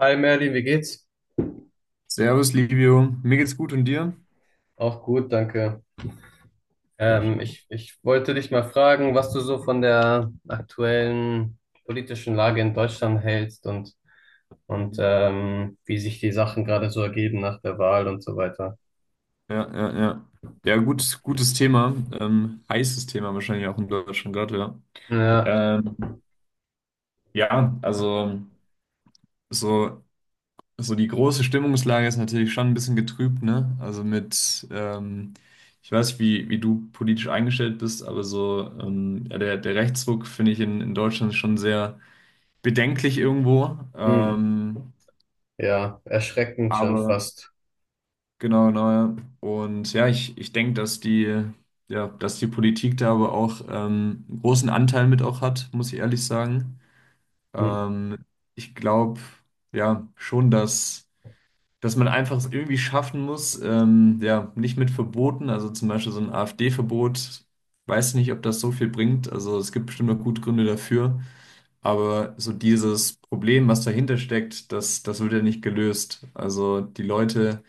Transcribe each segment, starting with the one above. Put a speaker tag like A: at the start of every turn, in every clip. A: Hi Merlin, wie geht's?
B: Servus, Livio. Mir geht's gut und dir?
A: Auch gut, danke. Ähm,
B: Schön.
A: ich, ich wollte dich mal fragen, was du so von der aktuellen politischen Lage in Deutschland hältst und, und
B: Mhm.
A: ähm, wie sich die Sachen gerade so ergeben nach der Wahl und so weiter.
B: Ja, ja, ja. Ja, gut, gutes Thema. Heißes Thema wahrscheinlich auch in Deutschland gerade, ja.
A: Ja,
B: Ähm, ja, also so, so die große Stimmungslage ist natürlich schon ein bisschen getrübt, ne? Also mit, ich weiß nicht, wie du politisch eingestellt bist, aber so ja, der Rechtsruck finde ich in Deutschland schon sehr bedenklich irgendwo.
A: hm, ja, erschreckend schon
B: Aber.
A: fast.
B: Genau, genau, ja. Und ja, ich denke, dass die Politik da aber auch einen großen Anteil mit auch hat, muss ich ehrlich sagen.
A: Hm,
B: Ähm, ich glaube, ja, schon, dass man einfach es irgendwie schaffen muss, ja, nicht mit Verboten, also zum Beispiel so ein AfD-Verbot, weiß nicht, ob das so viel bringt. Also es gibt bestimmt noch gute Gründe dafür, aber so dieses Problem, was dahinter steckt, das wird ja nicht gelöst. Also die Leute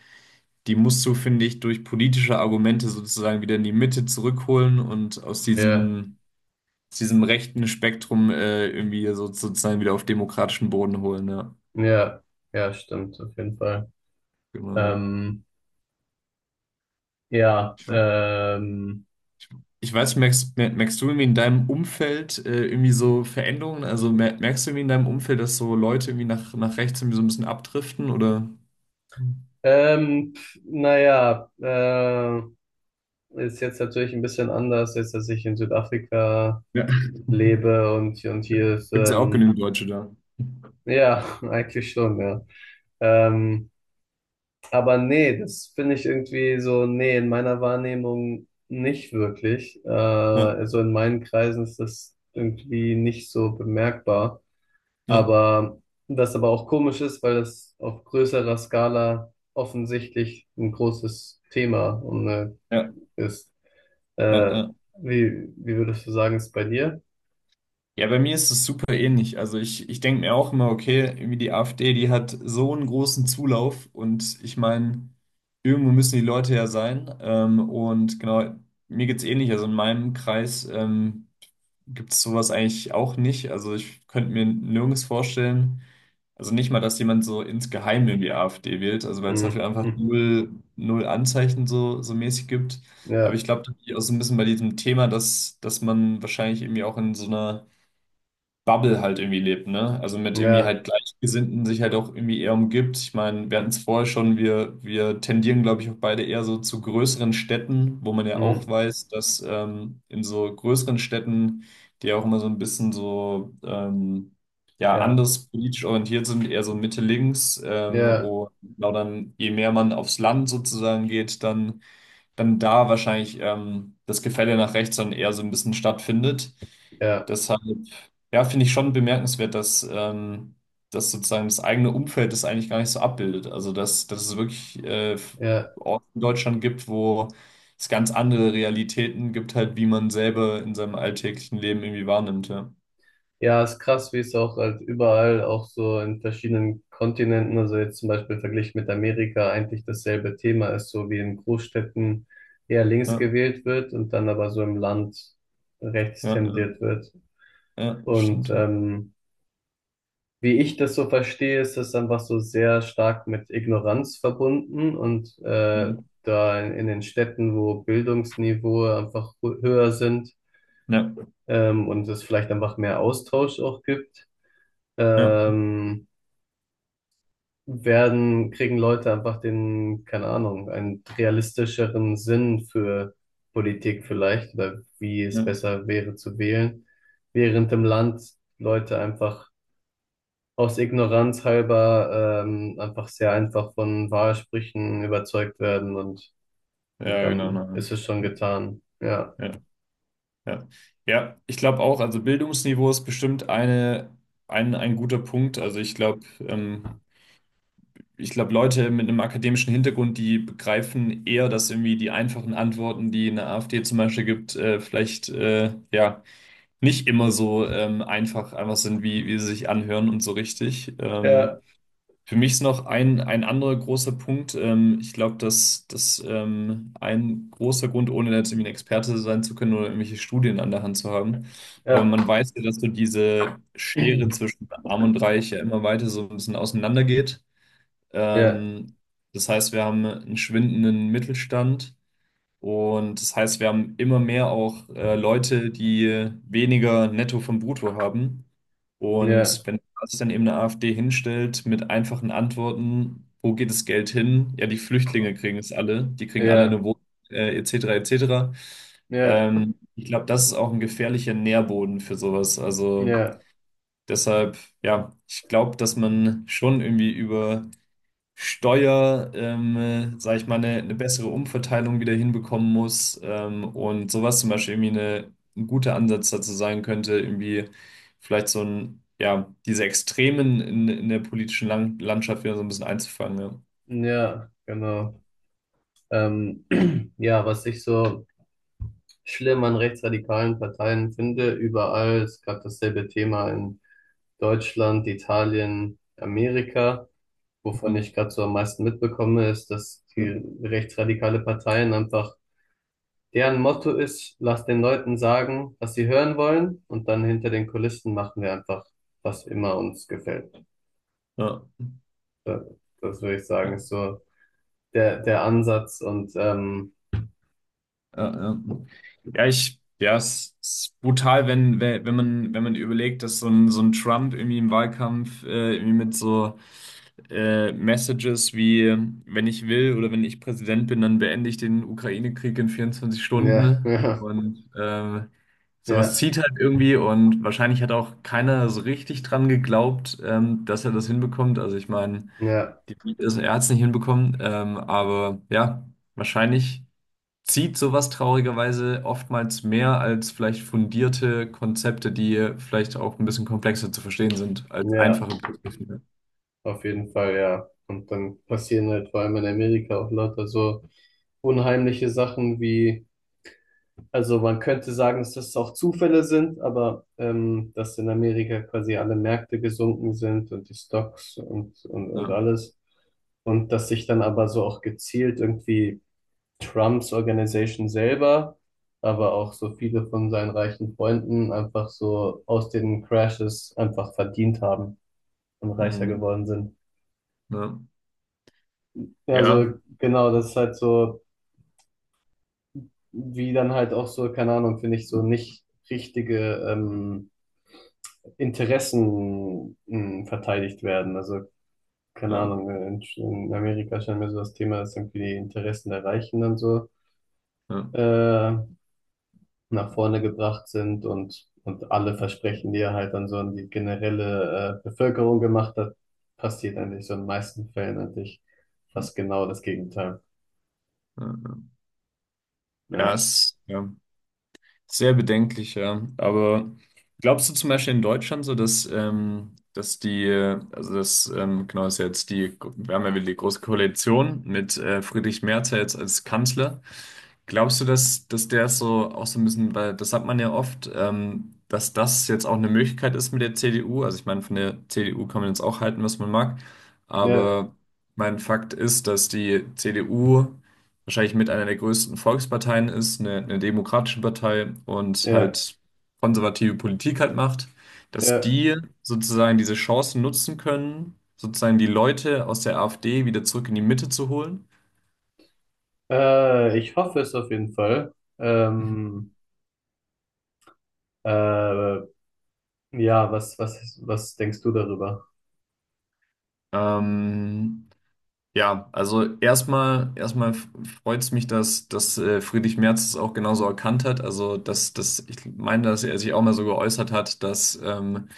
B: die musst du, finde ich, durch politische Argumente sozusagen wieder in die Mitte zurückholen und aus
A: ja,
B: diesem, aus diesem rechten Spektrum irgendwie so, sozusagen wieder auf demokratischen Boden holen. Ja,
A: ja, ja, stimmt, auf jeden Fall.
B: genau.
A: Ähm, ja,
B: Ich,
A: ähm,
B: ich, ich weiß, merkst, mer- merkst du irgendwie in deinem Umfeld irgendwie so Veränderungen? Also merkst du irgendwie in deinem Umfeld, dass so Leute irgendwie nach rechts irgendwie so ein bisschen abdriften oder?
A: naja, ist jetzt natürlich ein bisschen anders, jetzt, dass ich in Südafrika
B: Ja.
A: lebe und hier ist,
B: Gibt es ja auch genügend Deutsche da.
A: ja, eigentlich schon, ja. Ähm, aber nee, das finde ich irgendwie so, nee, in meiner Wahrnehmung nicht wirklich.
B: Ja,
A: Also in meinen Kreisen ist das irgendwie nicht so bemerkbar.
B: ja,
A: Aber das aber auch komisch ist, weil das auf größerer Skala offensichtlich ein großes Thema und
B: ja,
A: ist.
B: ja,
A: Äh,
B: ja.
A: wie würdest du sagen, ist bei dir?
B: Ja, bei mir ist es super ähnlich. Also ich denke mir auch immer, okay, irgendwie die AfD, die hat so einen großen Zulauf und ich meine, irgendwo müssen die Leute ja sein. Und genau, mir geht's ähnlich. Also in meinem Kreis gibt's sowas eigentlich auch nicht. Also ich könnte mir nirgends vorstellen, also nicht mal, dass jemand so insgeheim irgendwie AfD wählt, also weil es
A: Hm,
B: dafür einfach null Anzeichen so mäßig gibt. Aber ich
A: ja,
B: glaube, das liegt auch so ein bisschen bei diesem Thema, dass man wahrscheinlich irgendwie auch in so einer Bubble halt irgendwie lebt, ne? Also mit irgendwie
A: ja,
B: halt Gleichgesinnten sich halt auch irgendwie eher umgibt. Ich meine, wir hatten es vorher schon, wir tendieren, glaube ich, auch beide eher so zu größeren Städten, wo man ja auch
A: hm,
B: weiß, dass in so größeren Städten, die ja auch immer so ein bisschen so ja,
A: ja,
B: anders politisch orientiert sind, eher so Mitte-Links.
A: ja,
B: Und genau dann, je mehr man aufs Land sozusagen geht, dann da wahrscheinlich das Gefälle nach rechts dann eher so ein bisschen stattfindet.
A: ja,
B: Deshalb, ja, finde ich schon bemerkenswert, dass das sozusagen das eigene Umfeld das eigentlich gar nicht so abbildet. Also, dass es wirklich
A: ja.
B: Orte in Deutschland gibt, wo es ganz andere Realitäten gibt, halt, wie man selber in seinem alltäglichen Leben irgendwie wahrnimmt. Ja,
A: Ja, ist krass, wie es auch halt überall, auch so in verschiedenen Kontinenten, also jetzt zum Beispiel verglichen mit Amerika, eigentlich dasselbe Thema ist, so wie in Großstädten eher links
B: ja,
A: gewählt wird und dann aber so im Land rechts
B: ja, ja,
A: tendiert wird.
B: ja
A: Und
B: stimmt. Ja.
A: ähm, Wie ich das so verstehe, ist das einfach so sehr stark mit Ignoranz verbunden und
B: Mhm.
A: da in den Städten, wo Bildungsniveau einfach höher sind
B: Ja,
A: und es vielleicht einfach mehr Austausch auch gibt,
B: ja,
A: ähm, kriegen Leute einfach den, keine Ahnung, einen realistischeren Sinn für Politik vielleicht oder wie es
B: ja,
A: besser wäre zu wählen, während im Land Leute einfach aus Ignoranz halber einfach sehr einfach von Wahlsprüchen überzeugt werden, und
B: ja, genau.
A: dann
B: Na,
A: ist es schon
B: ja,
A: getan. Ja,
B: ja. Ja, ja, ich glaube auch, also Bildungsniveau ist bestimmt eine, ein guter Punkt. Also ich glaube, Leute mit einem akademischen Hintergrund, die begreifen eher, dass irgendwie die einfachen Antworten, die eine AfD zum Beispiel gibt, vielleicht ja nicht immer so einfach sind, wie sie sich anhören und so richtig.
A: ja,
B: Für mich ist noch ein anderer großer Punkt. Ich glaube, dass ein großer Grund, ohne jetzt irgendwie ein Experte sein zu können oder irgendwelche Studien an der Hand zu haben, aber
A: ja,
B: man weiß ja, dass so diese Schere zwischen Arm und Reich ja immer weiter so ein bisschen auseinandergeht.
A: ja,
B: Ähm, das heißt, wir haben einen schwindenden Mittelstand und das heißt, wir haben immer mehr auch Leute, die weniger Netto vom Brutto haben. Und
A: ja,
B: wenn sich dann eben eine AfD hinstellt mit einfachen Antworten, wo geht das Geld hin? Ja, die Flüchtlinge kriegen es alle, die kriegen alle
A: ja,
B: eine Wohnung, etc., etc.
A: ja,
B: Ich glaube, das ist auch ein gefährlicher Nährboden für sowas. Also
A: ja,
B: deshalb, ja, ich glaube, dass man schon irgendwie über Steuer, sage ich mal, eine bessere Umverteilung wieder hinbekommen muss. Und sowas zum Beispiel irgendwie eine, ein guter Ansatz dazu sein könnte, irgendwie vielleicht so ein, ja, diese Extremen in der politischen Lang Landschaft wieder so ein bisschen einzufangen. Ja.
A: ja, genau. Ähm, ja, was ich so schlimm an rechtsradikalen Parteien finde, überall ist gerade dasselbe Thema in Deutschland, Italien, Amerika. Wovon ich gerade so am meisten mitbekomme, ist, dass die
B: Mhm.
A: rechtsradikale Parteien einfach, deren Motto ist, lass den Leuten sagen, was sie hören wollen, und dann hinter den Kulissen machen wir einfach, was immer uns gefällt.
B: Ja.
A: Das, das würde ich sagen,
B: Ja.
A: ist so der Ansatz und
B: Ja, ja. Ja, ich, ja, es ist brutal, wenn, wenn man, wenn man überlegt, dass so ein Trump irgendwie im Wahlkampf irgendwie mit so Messages wie, wenn ich will oder wenn ich Präsident bin, dann beende ich den Ukraine-Krieg in vierundzwanzig
A: ja,
B: Stunden.
A: ja,
B: Und sowas
A: ja,
B: zieht halt irgendwie und wahrscheinlich hat auch keiner so richtig dran geglaubt, dass er das hinbekommt. Also ich meine,
A: ja,
B: er hat es nicht hinbekommen, aber ja, wahrscheinlich zieht sowas traurigerweise oftmals mehr als vielleicht fundierte Konzepte, die vielleicht auch ein bisschen komplexer zu verstehen sind, als
A: ja,
B: einfache Begrifflichkeiten.
A: auf jeden Fall, ja. Und dann passieren halt vor allem in Amerika auch lauter so unheimliche Sachen wie: Also man könnte sagen, dass das auch Zufälle sind, aber dass in Amerika quasi alle Märkte gesunken sind und die Stocks und
B: Ja.
A: alles. Und dass sich dann aber so auch gezielt irgendwie Trumps Organisation selber, aber auch so viele von seinen reichen Freunden einfach so aus den Crashes einfach verdient haben und reicher
B: Mhm.
A: geworden sind.
B: Ja.
A: Ja,
B: Ja.
A: so genau, das ist halt so, wie dann halt auch so, keine Ahnung, finde ich, so nicht richtige, Interessen mh verteidigt werden. Also, keine
B: Ja.
A: Ahnung, in Amerika scheint mir so das Thema, dass irgendwie die Interessen der Reichen dann so
B: Ja.
A: äh, nach vorne gebracht sind und alle Versprechen, die er halt dann so an die generelle Bevölkerung gemacht hat, passiert eigentlich so in den meisten Fällen eigentlich
B: Ja.
A: fast genau das Gegenteil.
B: Ja. Ja. Ja.
A: Ja,
B: Ja. Sehr bedenklich, ja. Aber glaubst du zum Beispiel in Deutschland so, dass, dass die, also das, genau ist ja jetzt die, wir haben ja wieder die Große Koalition mit Friedrich Merz ja jetzt als Kanzler. Glaubst du, dass der so auch so ein bisschen, weil das hat man ja oft, dass das jetzt auch eine Möglichkeit ist mit der CDU? Also ich meine, von der CDU kann man jetzt auch halten, was man mag,
A: ja,
B: aber mein Fakt ist, dass die CDU wahrscheinlich mit einer der größten Volksparteien ist, eine demokratische Partei und
A: ja,
B: halt konservative Politik halt macht, dass
A: ja.
B: die sozusagen diese Chancen nutzen können, sozusagen die Leute aus der AfD wieder zurück in die Mitte zu holen.
A: Ich hoffe es auf jeden Fall. Äh, ja, was denkst du darüber?
B: Ähm, Ja, also erstmal freut es mich, dass Friedrich Merz es auch genauso erkannt hat. Also, dass, dass ich meine, dass er sich auch mal so geäußert hat, dass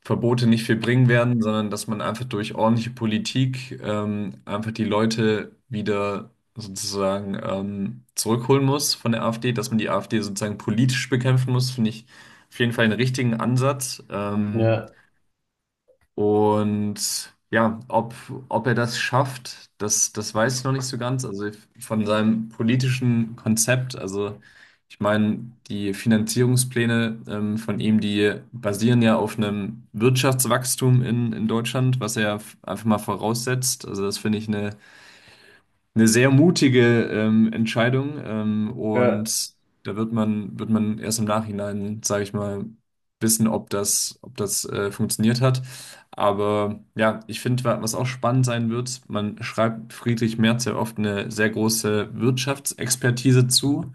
B: Verbote nicht viel bringen werden, sondern dass man einfach durch ordentliche Politik einfach die Leute wieder sozusagen zurückholen muss von der AfD, dass man die AfD sozusagen politisch bekämpfen muss, finde ich auf jeden Fall einen richtigen Ansatz.
A: Ja.
B: Und ja, ob er das schafft, das weiß ich noch nicht so ganz. Also von seinem politischen Konzept, also ich meine, die Finanzierungspläne von ihm, die basieren ja auf einem Wirtschaftswachstum in Deutschland, was er einfach mal voraussetzt. Also das finde ich eine sehr mutige Entscheidung
A: Ja,
B: und da wird man, erst im Nachhinein, sage ich mal, wissen, ob das, ob das funktioniert hat. Aber ja, ich finde, was auch spannend sein wird, man schreibt Friedrich Merz ja oft eine sehr große Wirtschaftsexpertise zu,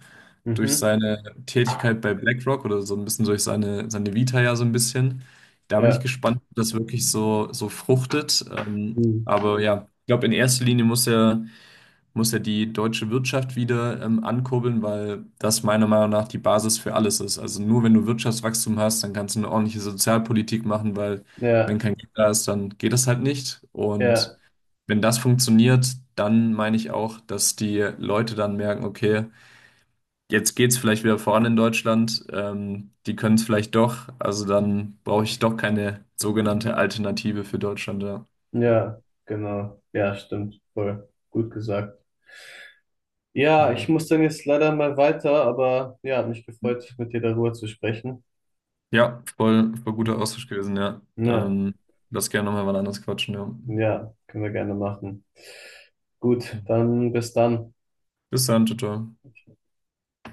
B: durch
A: mhm,
B: seine Tätigkeit bei BlackRock oder so ein bisschen durch seine Vita ja so ein bisschen. Da bin ich
A: ja,
B: gespannt, ob das wirklich so fruchtet.
A: mhm.
B: Aber ja, ich glaube, in erster Linie muss er muss ja die deutsche Wirtschaft wieder ankurbeln, weil das meiner Meinung nach die Basis für alles ist. Also nur wenn du Wirtschaftswachstum hast, dann kannst du eine ordentliche Sozialpolitik machen, weil
A: Ja,
B: wenn kein Geld da ist, dann geht das halt nicht. Und
A: ja,
B: wenn das funktioniert, dann meine ich auch, dass die Leute dann merken, okay, jetzt geht's vielleicht wieder voran in Deutschland, die können es vielleicht doch, also dann brauche ich doch keine sogenannte Alternative für Deutschland, ja.
A: ja, genau. Ja, stimmt. Voll gut gesagt. Ja, ich
B: Genau.
A: muss dann jetzt leider mal weiter, aber ja, hat mich gefreut, mit dir darüber zu sprechen.
B: Ja, voll guter Austausch gewesen, ja.
A: Ja,
B: Lass gerne nochmal wann anders quatschen, ja.
A: ja, können wir gerne machen. Gut, dann bis dann.
B: Bis dann, ciao. Ciao.